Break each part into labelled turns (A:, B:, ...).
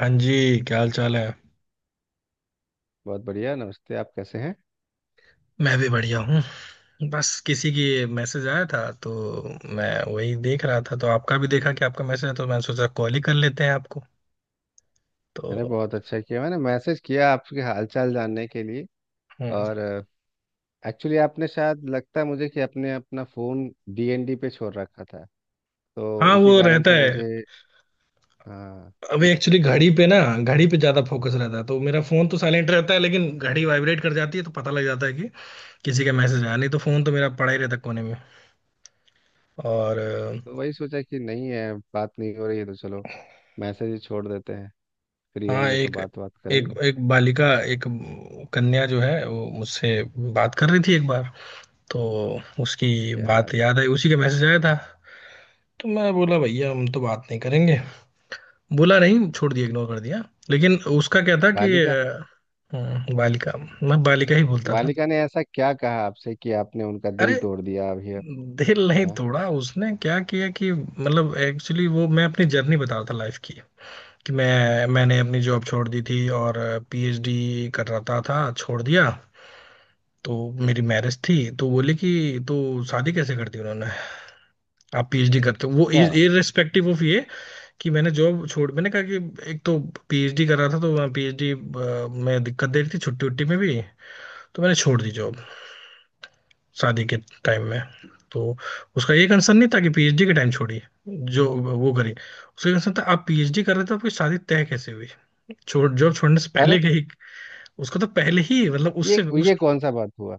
A: हाँ जी, क्या हाल चाल है।
B: बहुत बढ़िया, नमस्ते, आप कैसे हैं।
A: मैं भी बढ़िया हूँ। बस किसी की मैसेज आया था तो मैं वही देख रहा था, तो आपका भी देखा कि आपका मैसेज है, तो मैंने सोचा कॉल ही कर लेते हैं आपको
B: मैंने
A: तो।
B: बहुत अच्छा किया, मैंने मैसेज किया आपके हालचाल जानने के लिए।
A: हम्म।
B: और एक्चुअली आपने शायद, लगता है मुझे कि आपने अपना फ़ोन डीएनडी पे छोड़ रखा था, तो
A: हाँ
B: इसी
A: वो
B: कारण
A: रहता
B: से
A: है।
B: मुझे। हाँ,
A: अभी एक्चुअली घड़ी पे ना, घड़ी पे ज्यादा फोकस रहता है तो मेरा फोन तो साइलेंट रहता है, लेकिन घड़ी वाइब्रेट कर जाती है तो पता लग जाता है कि किसी का मैसेज आया, नहीं तो फोन तो मेरा पड़ा ही रहता है कोने में। और अ,
B: तो वही सोचा कि नहीं है, बात नहीं हो रही है, तो चलो मैसेज ही छोड़ देते हैं, फ्री
A: हाँ
B: होंगे तो
A: एक,
B: बात बात
A: एक
B: करेंगे।
A: एक बालिका, एक कन्या जो है वो मुझसे बात कर रही थी एक बार, तो उसकी
B: क्या
A: बात
B: बात।
A: याद आई, उसी का मैसेज आया था। तो मैं बोला, भैया हम तो बात नहीं करेंगे। बोला नहीं, छोड़ दिया, इग्नोर कर दिया। लेकिन उसका क्या था कि
B: बालिका।
A: बालिका मैं बालिका ही बोलता था।
B: बालिका ने ऐसा क्या कहा आपसे कि आपने उनका दिल
A: अरे
B: तोड़ दिया अभी।
A: दिल नहीं
B: हाँ।
A: तोड़ा, उसने क्या किया कि, मतलब एक्चुअली, वो मैं अपनी जर्नी बता रहा था लाइफ की कि मैंने अपनी जॉब छोड़ दी थी और पीएचडी कर रहा था, छोड़ दिया तो। मेरी मैरिज थी तो बोले कि, तो शादी कैसे कर दी उन्होंने, आप पीएचडी करते हो, वो
B: क्या बात।
A: इररिस्पेक्टिव ऑफ ये कि मैंने जॉब छोड़। मैंने कहा कि, एक तो पीएचडी कर रहा था तो पीएचडी में दिक्कत दे रही थी, छुट्टी उट्टी में भी, तो मैंने छोड़ दी जॉब शादी के टाइम में। तो उसका ये कंसर्न नहीं था कि पीएचडी के टाइम छोड़ी जो वो करी, उसका कंसर्न था आप पीएचडी कर रहे थे तो आपकी शादी तय कैसे हुई, छोड़ जॉब छोड़ने से
B: अरे
A: पहले के ही। उसका तो पहले ही मतलब,
B: ये
A: उससे उस,
B: ये कौन सा बात हुआ।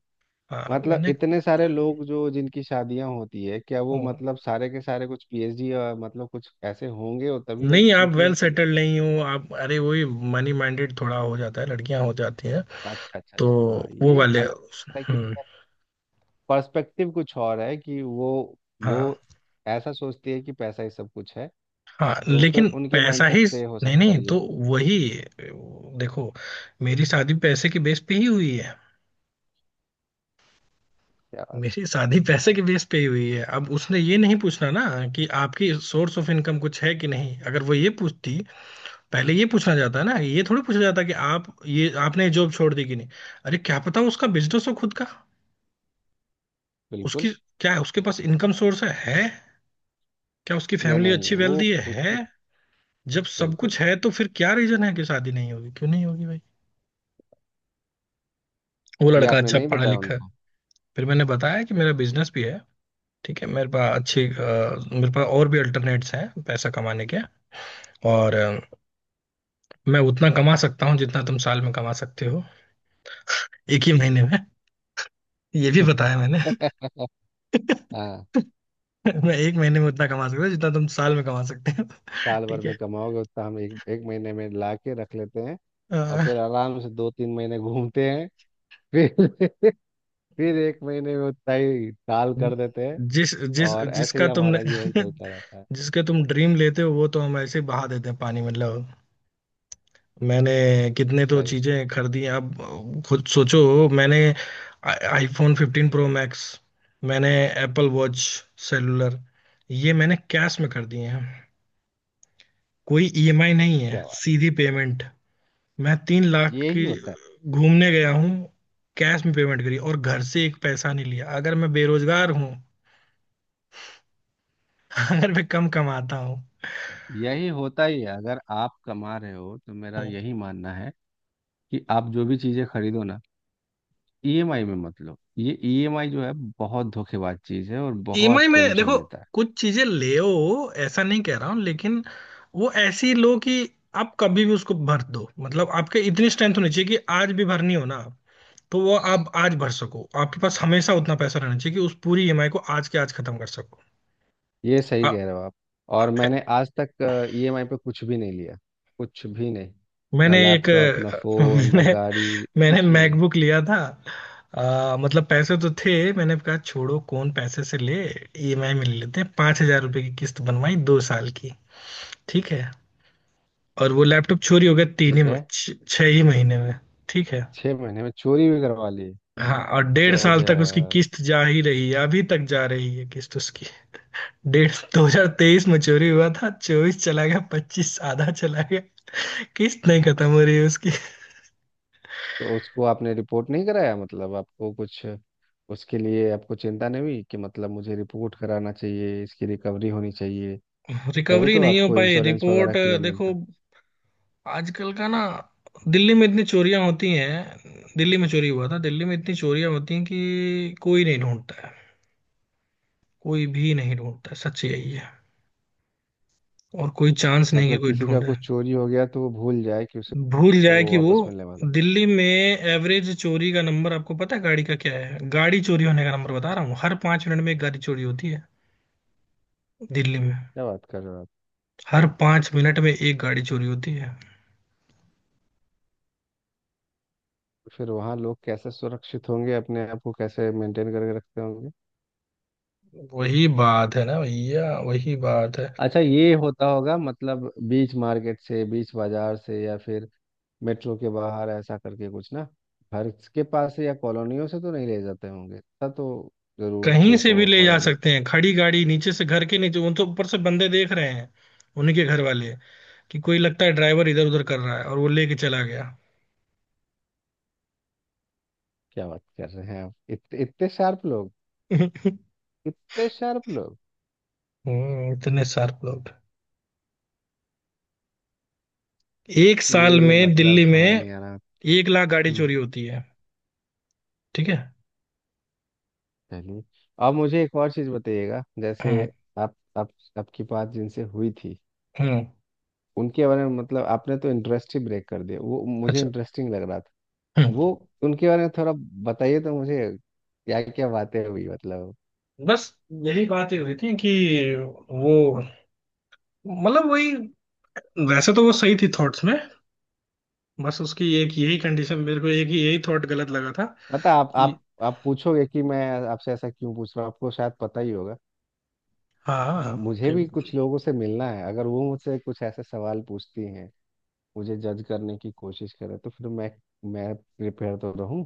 A: हाँ
B: मतलब
A: मैंने,
B: इतने सारे लोग जो जिनकी शादियां होती है, क्या वो
A: हाँ।
B: मतलब सारे के सारे कुछ पीएचडी और मतलब कुछ ऐसे होंगे और तभी हो,
A: नहीं आप
B: उनकी
A: वेल
B: होती है।
A: सेटल्ड नहीं हो आप, अरे वही मनी माइंडेड थोड़ा हो जाता है, लड़कियां हो जाती हैं।
B: अच्छा अच्छा
A: तो
B: अच्छा, हाँ,
A: वो
B: ये
A: वाले,
B: अलग हो सकता है कि
A: हम्म,
B: उनका पर्सपेक्टिव कुछ और है कि वो
A: हाँ।
B: ऐसा सोचती है कि पैसा ही सब कुछ है।
A: हाँ
B: तो फिर
A: लेकिन
B: उनके
A: पैसा
B: माइंडसेट
A: ही
B: से हो
A: नहीं
B: सकता
A: नहीं
B: है ये।
A: तो वही, देखो मेरी शादी पैसे के बेस पे ही हुई है।
B: क्या बात।
A: मेरी शादी पैसे के बेस पे ही हुई है। अब उसने ये नहीं पूछना ना कि आपकी सोर्स ऑफ इनकम कुछ है कि नहीं। अगर वो ये पूछती, पहले ये पूछना जाता ना, ये थोड़ी पूछा जाता कि आप ये आपने जॉब छोड़ दी कि नहीं। अरे क्या पता उसका बिजनेस हो खुद का,
B: बिल्कुल।
A: उसकी क्या है, उसके पास इनकम सोर्स है है? क्या उसकी
B: या
A: फैमिली
B: नहीं है
A: अच्छी
B: वो
A: वेल्दी है
B: उसकी।
A: है? जब सब
B: बिल्कुल।
A: कुछ है तो फिर क्या रीजन है कि शादी नहीं होगी, क्यों नहीं होगी भाई। वो
B: ये
A: लड़का
B: आपने
A: अच्छा
B: नहीं
A: पढ़ा
B: बताया
A: लिखा है।
B: उनको।
A: फिर मैंने बताया कि मेरा बिजनेस भी है, ठीक है, मेरे पास अच्छी मेरे पास और भी अल्टरनेट्स हैं पैसा कमाने के। और अ, मैं उतना कमा सकता हूँ जितना तुम साल में कमा सकते हो एक ही महीने में। ये भी बताया मैंने।
B: हाँ।
A: मैं एक महीने में उतना कमा सकता हूँ जितना तुम साल में कमा सकते हो।
B: साल भर
A: ठीक है।
B: में कमाओगे उतना हम एक एक महीने में ला के रख लेते हैं।
A: अ,
B: और फिर आराम से दो तीन महीने घूमते हैं। फिर फिर एक महीने में उतना ही साल कर देते हैं।
A: जिस जिस
B: और ऐसे ही
A: जिसका तुमने,
B: हमारा जीवन चलता रहता है।
A: जिसके तुम ड्रीम लेते हो वो तो हम ऐसे ही बहा देते हैं पानी मतलब। मैंने कितने तो
B: सही।
A: चीजें खरीदी हैं। अब खुद सोचो, मैंने आईफोन 15 प्रो मैक्स, मैंने एप्पल वॉच सेलुलर, ये मैंने कैश में खरीदी हैं। कोई ईएमआई नहीं है,
B: क्या बात।
A: सीधी पेमेंट। मैं 3 लाख
B: यही
A: की
B: होता है।
A: घूमने गया हूँ, कैश में पेमेंट करी, और घर से एक पैसा नहीं लिया। अगर मैं बेरोजगार हूँ, अगर मैं कम कमाता
B: यही होता ही है, अगर आप कमा रहे हो। तो मेरा
A: हूँ।
B: यही मानना है कि आप जो भी चीज़ें खरीदो ना, ईएमआई में मत लो। ये ईएमआई जो है, बहुत धोखेबाज चीज़ है और बहुत
A: ईएमआई में
B: टेंशन
A: देखो,
B: देता है।
A: कुछ चीजें ले ओ, ऐसा नहीं कह रहा हूँ, लेकिन वो ऐसी लो कि आप कभी भी उसको भर दो, मतलब आपके इतनी स्ट्रेंथ होनी चाहिए कि आज भी भरनी हो ना तो वो आप आज भर सको। आपके पास हमेशा उतना पैसा रहना चाहिए कि उस पूरी ईएमआई को आज के आज खत्म कर सको।
B: ये सही
A: आ,
B: कह रहे हो आप। और मैंने आज तक ईएमआई पे कुछ भी नहीं लिया। कुछ भी नहीं। ना
A: मैंने एक,
B: लैपटॉप, ना फोन, ना
A: मैंने
B: गाड़ी,
A: मैंने
B: कुछ भी नहीं।
A: मैकबुक लिया था। मतलब पैसे तो थे, मैंने कहा छोड़ो कौन पैसे से ले, ईएमआई में ले लेते हैं, 5000 रुपए की किस्त बनवाई 2 साल की, ठीक है। और वो लैपटॉप चोरी हो गया तीन ही
B: ठीक
A: म-
B: है।
A: छ- 6 ही महीने में। ठीक है।
B: छह महीने में चोरी भी करवा ली।
A: हाँ और 1.5 साल तक उसकी
B: गजब।
A: किस्त जा ही रही है, अभी तक जा रही है किस्त उसकी। डेढ़, 2023 में चोरी हुआ था, चौबीस चला गया, पच्चीस आधा चला गया, किस्त नहीं खत्म हो रही है उसकी।
B: तो उसको आपने रिपोर्ट नहीं कराया, मतलब आपको कुछ, उसके लिए आपको चिंता नहीं हुई कि मतलब मुझे रिपोर्ट कराना चाहिए, इसकी रिकवरी होनी चाहिए। तभी
A: रिकवरी
B: तो
A: नहीं हो
B: आपको
A: पाई,
B: इंश्योरेंस वगैरह
A: रिपोर्ट
B: क्लेम
A: देखो
B: मिलता।
A: आजकल का ना, दिल्ली में इतनी चोरियां होती हैं, दिल्ली में चोरी हुआ था, दिल्ली में इतनी चोरियां होती हैं कि कोई नहीं ढूंढता है। कोई भी नहीं ढूंढता है, सच यही है। और कोई चांस नहीं कि
B: मतलब
A: कोई
B: किसी का
A: ढूंढे।
B: कुछ चोरी हो गया तो वो भूल जाए कि उसे
A: भूल जाए
B: वो
A: कि वो,
B: वापस मिलने वाला।
A: दिल्ली में एवरेज चोरी का नंबर आपको पता है गाड़ी का क्या है? गाड़ी चोरी होने का नंबर बता रहा हूँ, हर 5 मिनट में 1 गाड़ी चोरी होती है दिल्ली में।
B: क्या बात कर रहे हो आप?
A: हर 5 मिनट में 1 गाड़ी चोरी होती है।
B: फिर वहाँ लोग कैसे सुरक्षित होंगे, अपने आप को कैसे मेंटेन करके रखते होंगे।
A: वही बात है ना भैया, वही बात है।
B: अच्छा, ये होता होगा मतलब बीच मार्केट से, बीच बाजार से, या फिर मेट्रो के बाहर ऐसा करके कुछ ना, घर के पास से या कॉलोनियों से तो नहीं ले जाते होंगे, तब तो जरूर
A: कहीं
B: सेफ
A: से भी
B: होगा
A: ले जा
B: कॉलोनी।
A: सकते हैं, खड़ी गाड़ी नीचे से, घर के नीचे उन, तो ऊपर से बंदे देख रहे हैं, उन्हीं के घर वाले, कि कोई लगता है ड्राइवर इधर उधर कर रहा है, और वो लेके चला गया।
B: क्या बात कर रहे हैं आप, इतने शार्प लोग। इतने शार्प लोग।
A: हम्म, इतने शार्प लोग। एक साल
B: ये
A: में
B: मतलब
A: दिल्ली
B: समझ
A: में
B: नहीं आ रहा।
A: 1 लाख गाड़ी
B: हम्म।
A: चोरी होती है। ठीक है।
B: चलिए, अब मुझे एक और चीज़ बताइएगा। जैसे
A: हम्म।
B: आप आपकी बात जिनसे हुई थी,
A: हम्म।
B: उनके बारे में, मतलब आपने तो इंटरेस्ट ही ब्रेक कर दिया, वो मुझे
A: अच्छा।
B: इंटरेस्टिंग लग रहा था।
A: हम्म।
B: वो उनके बारे में थोड़ा बताइए तो मुझे, क्या क्या बातें हुई मतलब।
A: बस यही बातें हुई थी कि वो, मतलब वही, वैसे तो वो सही थी थॉट्स में, बस उसकी एक यही कंडीशन, मेरे को एक ही यही थॉट गलत लगा था
B: पता, आप
A: कि,
B: आप आप पूछोगे कि मैं आपसे ऐसा क्यों पूछ रहा हूँ। आपको शायद पता ही होगा।
A: हाँ हाँ,
B: मुझे भी
A: okay,
B: कुछ लोगों से मिलना है, अगर वो मुझसे कुछ ऐसे सवाल पूछती हैं, मुझे जज करने की कोशिश करे, तो फिर मैं प्रिपेयर तो रहूँ।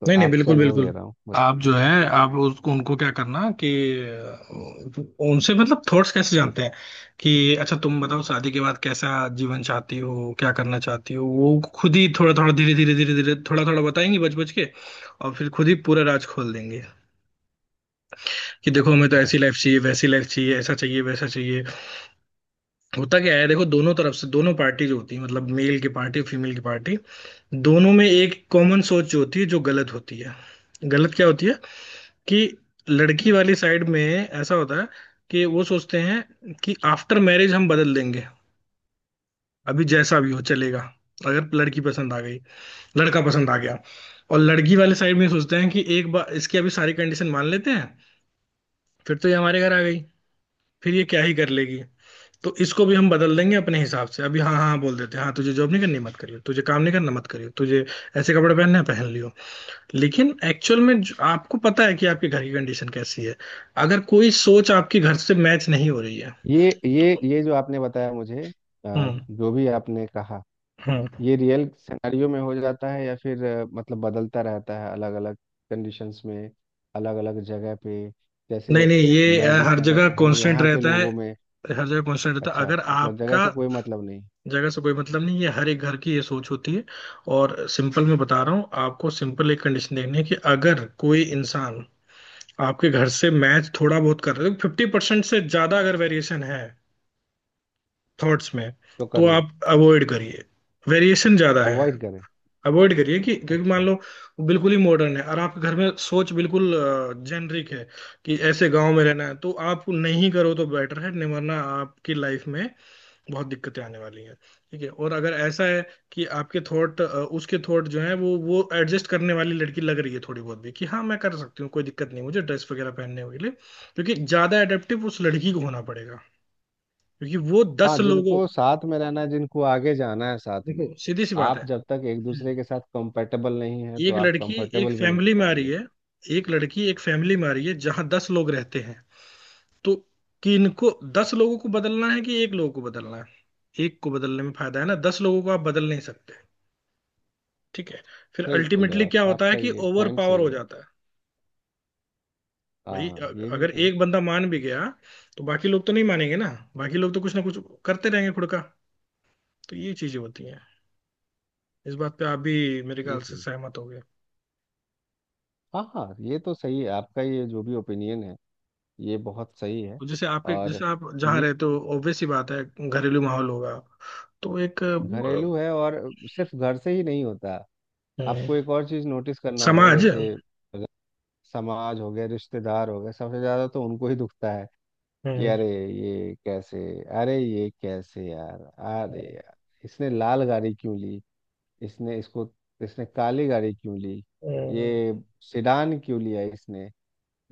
B: तो
A: नहीं नहीं,
B: आपसे
A: बिल्कुल
B: अनुभव ले
A: बिल्कुल।
B: रहा हूँ
A: आप जो है, आप उसको उनको क्या करना कि अ, उनसे मतलब थॉट्स कैसे जानते हैं कि, अच्छा तुम बताओ शादी के बाद कैसा जीवन चाहती हो, क्या करना चाहती हो, वो खुद ही थोड़ा थोड़ा, धीरे धीरे धीरे धीरे, थोड़ा थोड़ा बताएंगे बच बच के, और फिर खुद ही पूरा राज खोल देंगे कि देखो हमें तो
B: अच्छा,
A: ऐसी लाइफ चाहिए, वैसी लाइफ चाहिए, ऐसा चाहिए, वैसा चाहिए। होता क्या है देखो, दोनों तरफ से, दोनों पार्टी जो होती है, मतलब मेल की पार्टी और फीमेल की पार्टी, दोनों में एक कॉमन सोच जो होती है जो गलत होती है। गलत क्या होती है कि, लड़की वाली साइड में ऐसा होता है कि वो सोचते हैं कि आफ्टर मैरिज हम बदल देंगे, अभी जैसा भी हो चलेगा, अगर लड़की पसंद आ गई, लड़का पसंद आ गया। और लड़की वाले साइड में सोचते हैं कि एक बार इसकी अभी सारी कंडीशन मान लेते हैं, फिर तो ये हमारे घर आ गई, फिर ये क्या ही कर लेगी, तो इसको भी हम बदल देंगे अपने हिसाब से। अभी हाँ हाँ हाँ बोल देते हैं, हाँ तुझे जॉब नहीं करनी मत करियो, तुझे काम नहीं करना मत करियो, तुझे ऐसे कपड़े पहनने हैं, पहन लियो। लेकिन एक्चुअल में जो, आपको पता है कि आपके घर की कंडीशन कैसी है। अगर कोई सोच आपके घर से मैच नहीं हो रही है,
B: ये ये जो आपने बताया मुझे,
A: हम्म,
B: जो भी आपने कहा,
A: हम्म,
B: ये रियल सिनेरियो में हो जाता है या फिर मतलब बदलता रहता है अलग अलग कंडीशंस में, अलग अलग जगह पे। जैसे
A: नहीं नहीं, ये
B: मैं जिस
A: हर
B: जगह
A: जगह
B: पे हूँ,
A: कांस्टेंट
B: यहाँ के
A: रहता है।
B: लोगों में।
A: हर जगह कांस्टेंट रहता है।
B: अच्छा,
A: अगर
B: मतलब जगह
A: आपका,
B: से कोई मतलब नहीं।
A: जगह से कोई मतलब नहीं, ये हर एक घर की ये सोच होती है। और सिंपल मैं बता रहा हूँ आपको, सिंपल एक कंडीशन देखनी है, कि अगर कोई इंसान आपके घर से मैच थोड़ा बहुत कर रहे हो, 50% से ज्यादा अगर वेरिएशन है थॉट्स में,
B: तो
A: तो
B: कर लो।
A: आप अवॉइड करिए। वेरिएशन ज्यादा है,
B: अवॉइड करें।
A: अवॉइड करिए। कि क्योंकि मान
B: अच्छा।
A: लो वो बिल्कुल ही मॉडर्न है, और आपके घर में सोच बिल्कुल जेनरिक है, कि ऐसे गांव में रहना है, तो आप नहीं करो तो बेटर है, नहीं वरना आपकी लाइफ में बहुत दिक्कतें आने वाली हैं। ठीक है। और अगर ऐसा है कि आपके थॉट उसके थॉट जो है, वो एडजस्ट करने वाली लड़की लग रही है थोड़ी बहुत भी, कि हाँ मैं कर सकती हूँ, कोई दिक्कत नहीं मुझे ड्रेस वगैरह पहनने के लिए, क्योंकि ज्यादा एडेप्टिव उस लड़की को होना पड़ेगा, क्योंकि वो
B: हाँ,
A: 10 लोगों,
B: जिनको साथ में रहना है, जिनको आगे जाना है साथ में।
A: देखो सीधी सी बात है।
B: आप जब तक एक दूसरे के साथ कंफर्टेबल नहीं है, तो
A: एक
B: आप
A: लड़की एक
B: कंफर्टेबल भी नहीं हो
A: फैमिली में आ रही
B: पाएंगे।
A: है, एक लड़की एक फैमिली में आ रही है जहां 10 लोग रहते हैं, तो किनको, 10 लोगों को बदलना है कि एक लोगों को बदलना है? एक को बदलने में फायदा है ना, 10 लोगों को आप बदल नहीं सकते। ठीक है। फिर
B: सही बोल रहे हो
A: अल्टीमेटली क्या
B: आप,
A: होता है
B: आपका
A: कि
B: ये
A: ओवर
B: पॉइंट
A: पावर
B: सही
A: हो
B: है।
A: जाता है। भाई
B: हाँ, ये भी
A: अगर
B: है।
A: एक बंदा मान भी गया, तो बाकी लोग तो नहीं मानेंगे ना, बाकी लोग तो कुछ ना कुछ करते रहेंगे खुद का। तो ये चीजें होती हैं। इस बात पे आप भी मेरे
B: ये
A: ख्याल से
B: सही है।
A: सहमत हो।
B: हाँ हाँ, ये तो सही है, आपका ये जो भी ओपिनियन है, ये बहुत सही है।
A: तो जैसे आपके,
B: और
A: जैसे आप जहाँ
B: ये
A: रहते हो ऑब्वियस ही बात है घरेलू माहौल होगा, तो एक अ,
B: घरेलू है, और सिर्फ घर से ही नहीं होता।
A: अ,
B: आपको एक और चीज़ नोटिस करना होगा,
A: समाज अ,
B: जैसे अगर समाज हो गया, रिश्तेदार हो गए, सबसे ज़्यादा तो उनको ही दुखता है कि अरे ये कैसे, अरे ये कैसे यार, अरे यार, इसने लाल गाड़ी क्यों ली, इसने इसको, इसने काली गाड़ी क्यों ली,
A: अ,
B: ये सिडान क्यों लिया इसने,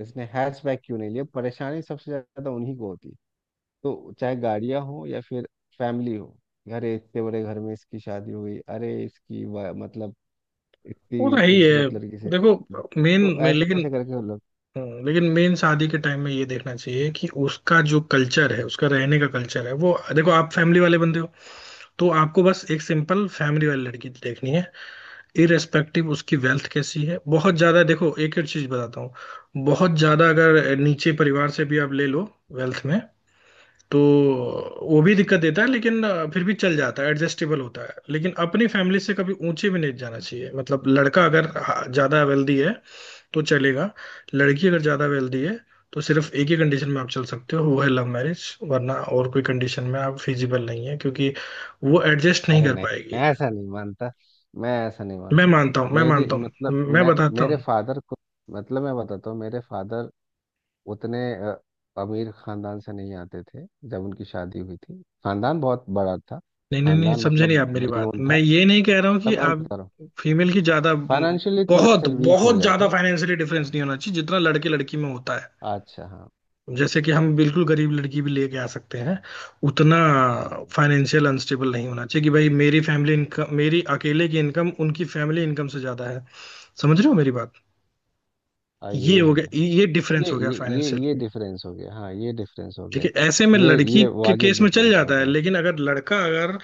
B: इसने हैचबैक क्यों नहीं लिया। परेशानी सबसे ज़्यादा उन्हीं को होती है। तो चाहे गाड़ियां हो या फिर फैमिली हो, अरे इतने बड़े घर में इसकी शादी हो गई, अरे इसकी मतलब
A: वो तो
B: इतनी
A: है ही है।
B: खूबसूरत लड़की से।
A: देखो मेन
B: तो
A: में,
B: ऐसे
A: लेकिन
B: ऐसे करके वो लोग।
A: अ, लेकिन मेन शादी के टाइम में ये देखना चाहिए कि उसका जो कल्चर है, उसका रहने का कल्चर है वो देखो। आप फैमिली वाले बंदे हो, तो आपको बस एक सिंपल फैमिली वाली लड़की देखनी है। इरेस्पेक्टिव उसकी वेल्थ कैसी है। बहुत ज्यादा, देखो एक एक चीज बताता हूँ, बहुत ज्यादा अगर नीचे परिवार से भी आप ले लो वेल्थ में, तो वो भी दिक्कत देता है, लेकिन फिर भी चल जाता है, एडजस्टेबल होता है। लेकिन अपनी फैमिली से कभी ऊंचे भी नहीं जाना चाहिए। मतलब लड़का अगर ज्यादा वेल्दी है तो चलेगा, लड़की अगर ज्यादा वेल्दी है तो सिर्फ एक ही कंडीशन में आप चल सकते हो, वो है लव मैरिज। वरना और कोई कंडीशन में आप फिजिबल नहीं है, क्योंकि वो एडजस्ट नहीं
B: अरे
A: कर
B: नहीं, मैं
A: पाएगी।
B: ऐसा नहीं मानता। मैं ऐसा नहीं
A: मैं
B: मानता।
A: मानता हूँ मैं
B: मेरी
A: मानता
B: मतलब,
A: हूँ मैं
B: मैं
A: बताता
B: मेरे
A: हूँ।
B: फादर को, मतलब मैं बताता हूँ, मेरे फादर उतने अमीर खानदान से नहीं आते थे जब उनकी शादी हुई थी। खानदान बहुत बड़ा था।
A: नहीं नहीं नहीं,
B: खानदान
A: समझ रही
B: मतलब
A: आप मेरी
B: वेल
A: बात,
B: नोन
A: मैं
B: था,
A: ये नहीं कह रहा हूँ कि
B: तब मैं
A: आप,
B: बता रहा हूँ।
A: फीमेल की ज्यादा म,
B: फाइनेंशियली थोड़े
A: बहुत
B: से वीक हो
A: बहुत
B: गए
A: ज्यादा
B: थे।
A: फाइनेंशियली डिफरेंस नहीं होना चाहिए जितना लड़के लड़की में होता है।
B: अच्छा, हाँ।
A: जैसे कि हम बिल्कुल गरीब लड़की भी लेके आ सकते हैं, उतना
B: हम्म।
A: फाइनेंशियल अनस्टेबल नहीं होना चाहिए कि भाई मेरी फैमिली इनकम, मेरी अकेले की इनकम उनकी फैमिली इनकम से ज्यादा है। समझ रहे हो मेरी बात।
B: हाँ
A: ये
B: ये
A: हो
B: है।
A: गया, ये डिफरेंस
B: ये
A: हो गया।
B: ये ये ये डिफरेंस हो गया, हाँ ये डिफरेंस हो गया।
A: देखिए ऐसे में
B: ये
A: लड़की
B: ये
A: के
B: वाजिब
A: केस में चल
B: डिफरेंस हो
A: जाता है,
B: गया।
A: लेकिन अगर लड़का अगर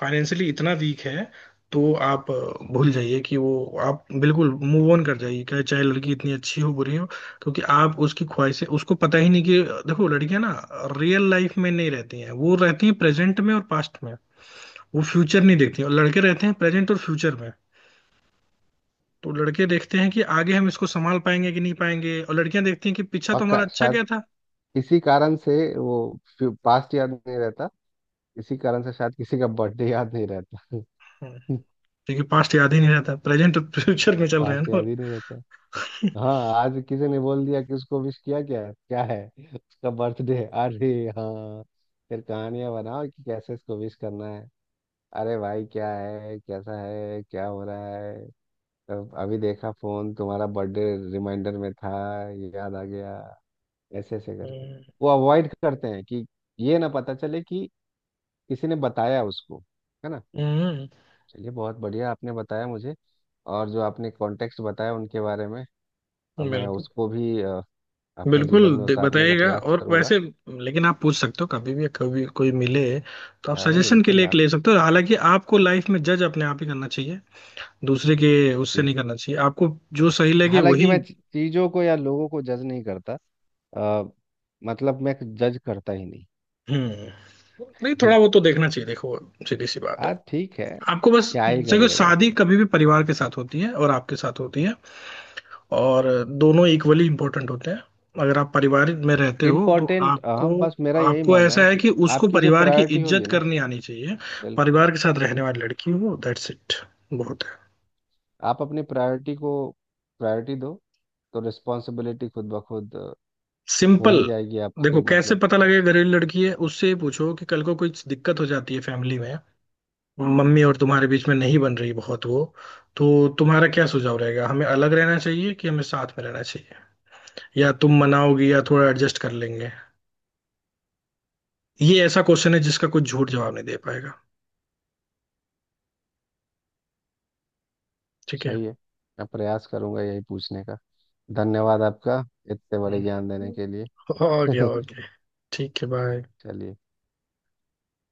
A: फाइनेंशियली इतना वीक है, तो आप भूल जाइए कि वो, आप बिल्कुल मूव ऑन कर जाइए, चाहे चाहे लड़की इतनी अच्छी हो बुरी हो। क्योंकि आप उसकी ख्वाहिशें, उसको पता ही नहीं कि, देखो लड़कियां ना रियल लाइफ में नहीं रहती हैं, वो रहती हैं प्रेजेंट में और पास्ट में, वो फ्यूचर नहीं देखती हैं। और लड़के रहते हैं प्रेजेंट और फ्यूचर में। तो लड़के देखते हैं कि आगे हम इसको संभाल पाएंगे कि नहीं पाएंगे, और लड़कियां देखती हैं कि पीछा तो
B: और
A: हमारा अच्छा
B: शायद
A: गया था।
B: इसी कारण से वो पास्ट याद नहीं रहता। इसी कारण से शायद किसी का बर्थडे याद नहीं रहता।
A: हम्म। क्योंकि पास्ट याद ही नहीं रहता, प्रेजेंट फ्यूचर में चल रहे हैं
B: पास्ट
A: ना।
B: याद
A: और
B: ही नहीं रहता। हाँ, आज किसी ने बोल दिया कि उसको विश किया, क्या है क्या है, उसका बर्थडे है, अरे हाँ, फिर कहानियां बनाओ कि कैसे इसको विश करना है, अरे भाई क्या है, कैसा है, क्या हो रहा है, तब अभी देखा फोन, तुम्हारा बर्थडे रिमाइंडर में था, ये याद आ गया। ऐसे ऐसे करके
A: हम्म,
B: वो अवॉइड करते हैं कि ये ना पता चले कि किसी ने बताया उसको, है ना।
A: हम्म,
B: चलिए, बहुत बढ़िया, आपने बताया मुझे। और जो आपने कॉन्टेक्स्ट बताया उनके बारे में, और मैं
A: बिल्कुल,
B: उसको भी अपने जीवन
A: बिल्कुल
B: में
A: दे-
B: उतारने का
A: बताइएगा।
B: प्रयास
A: और
B: करूंगा।
A: वैसे लेकिन आप पूछ सकते हो कभी भी, कभी कोई मिले तो आप
B: अरे
A: सजेशन के लिए
B: बिल्कुल
A: एक
B: आप।
A: ले सकते हो, हालांकि आपको लाइफ में जज अपने आप ही करना चाहिए, दूसरे के, उससे
B: जी।
A: नहीं करना चाहिए आपको। जो सही लगे
B: हालांकि
A: वही।
B: मैं चीजों को या लोगों को जज नहीं करता। अ, मतलब मैं जज करता ही नहीं।
A: हम्म। नहीं थोड़ा वो तो देखना चाहिए। देखो सीधी सी बात है,
B: आज ठीक है,
A: आपको बस
B: क्या ही कर
A: देखो
B: लेगा
A: शादी
B: कोई।
A: कभी भी परिवार के साथ होती है और आपके साथ होती है, और दोनों इक्वली इम्पोर्टेंट होते हैं। अगर आप परिवार में रहते हो तो
B: इम्पोर्टेंट,
A: आपको,
B: हाँ, बस मेरा यही
A: आपको
B: मानना
A: ऐसा
B: है
A: है
B: कि
A: कि उसको
B: आपकी जो
A: परिवार की
B: प्रायोरिटी
A: इज्जत
B: होगी ना,
A: करनी आनी चाहिए,
B: बिल्कुल।
A: परिवार के साथ रहने
B: बिल्कुल,
A: वाली लड़की हो, दैट्स इट। बहुत है।
B: आप अपनी प्रायोरिटी को प्रायोरिटी दो, तो रिस्पॉन्सिबिलिटी खुद ब खुद हो
A: सिंपल।
B: ही जाएगी आपकी,
A: देखो कैसे
B: मतलब
A: पता
B: बस।
A: लगेगा घरेलू लड़की है, उससे ही पूछो कि कल को कोई दिक्कत हो जाती है फैमिली में, मम्मी और तुम्हारे बीच में नहीं बन रही बहुत वो, तो तुम्हारा क्या सुझाव रहेगा, हमें अलग रहना चाहिए कि हमें साथ में रहना चाहिए, या तुम मनाओगी या थोड़ा एडजस्ट कर लेंगे। ये ऐसा क्वेश्चन है जिसका कुछ झूठ जवाब नहीं दे पाएगा। ठीक है।
B: सही है, मैं प्रयास करूंगा यही पूछने का। धन्यवाद आपका, इतने बड़े
A: हम्म,
B: ज्ञान देने के लिए।
A: हो गया हो गया। ठीक है, बाय।
B: चलिए।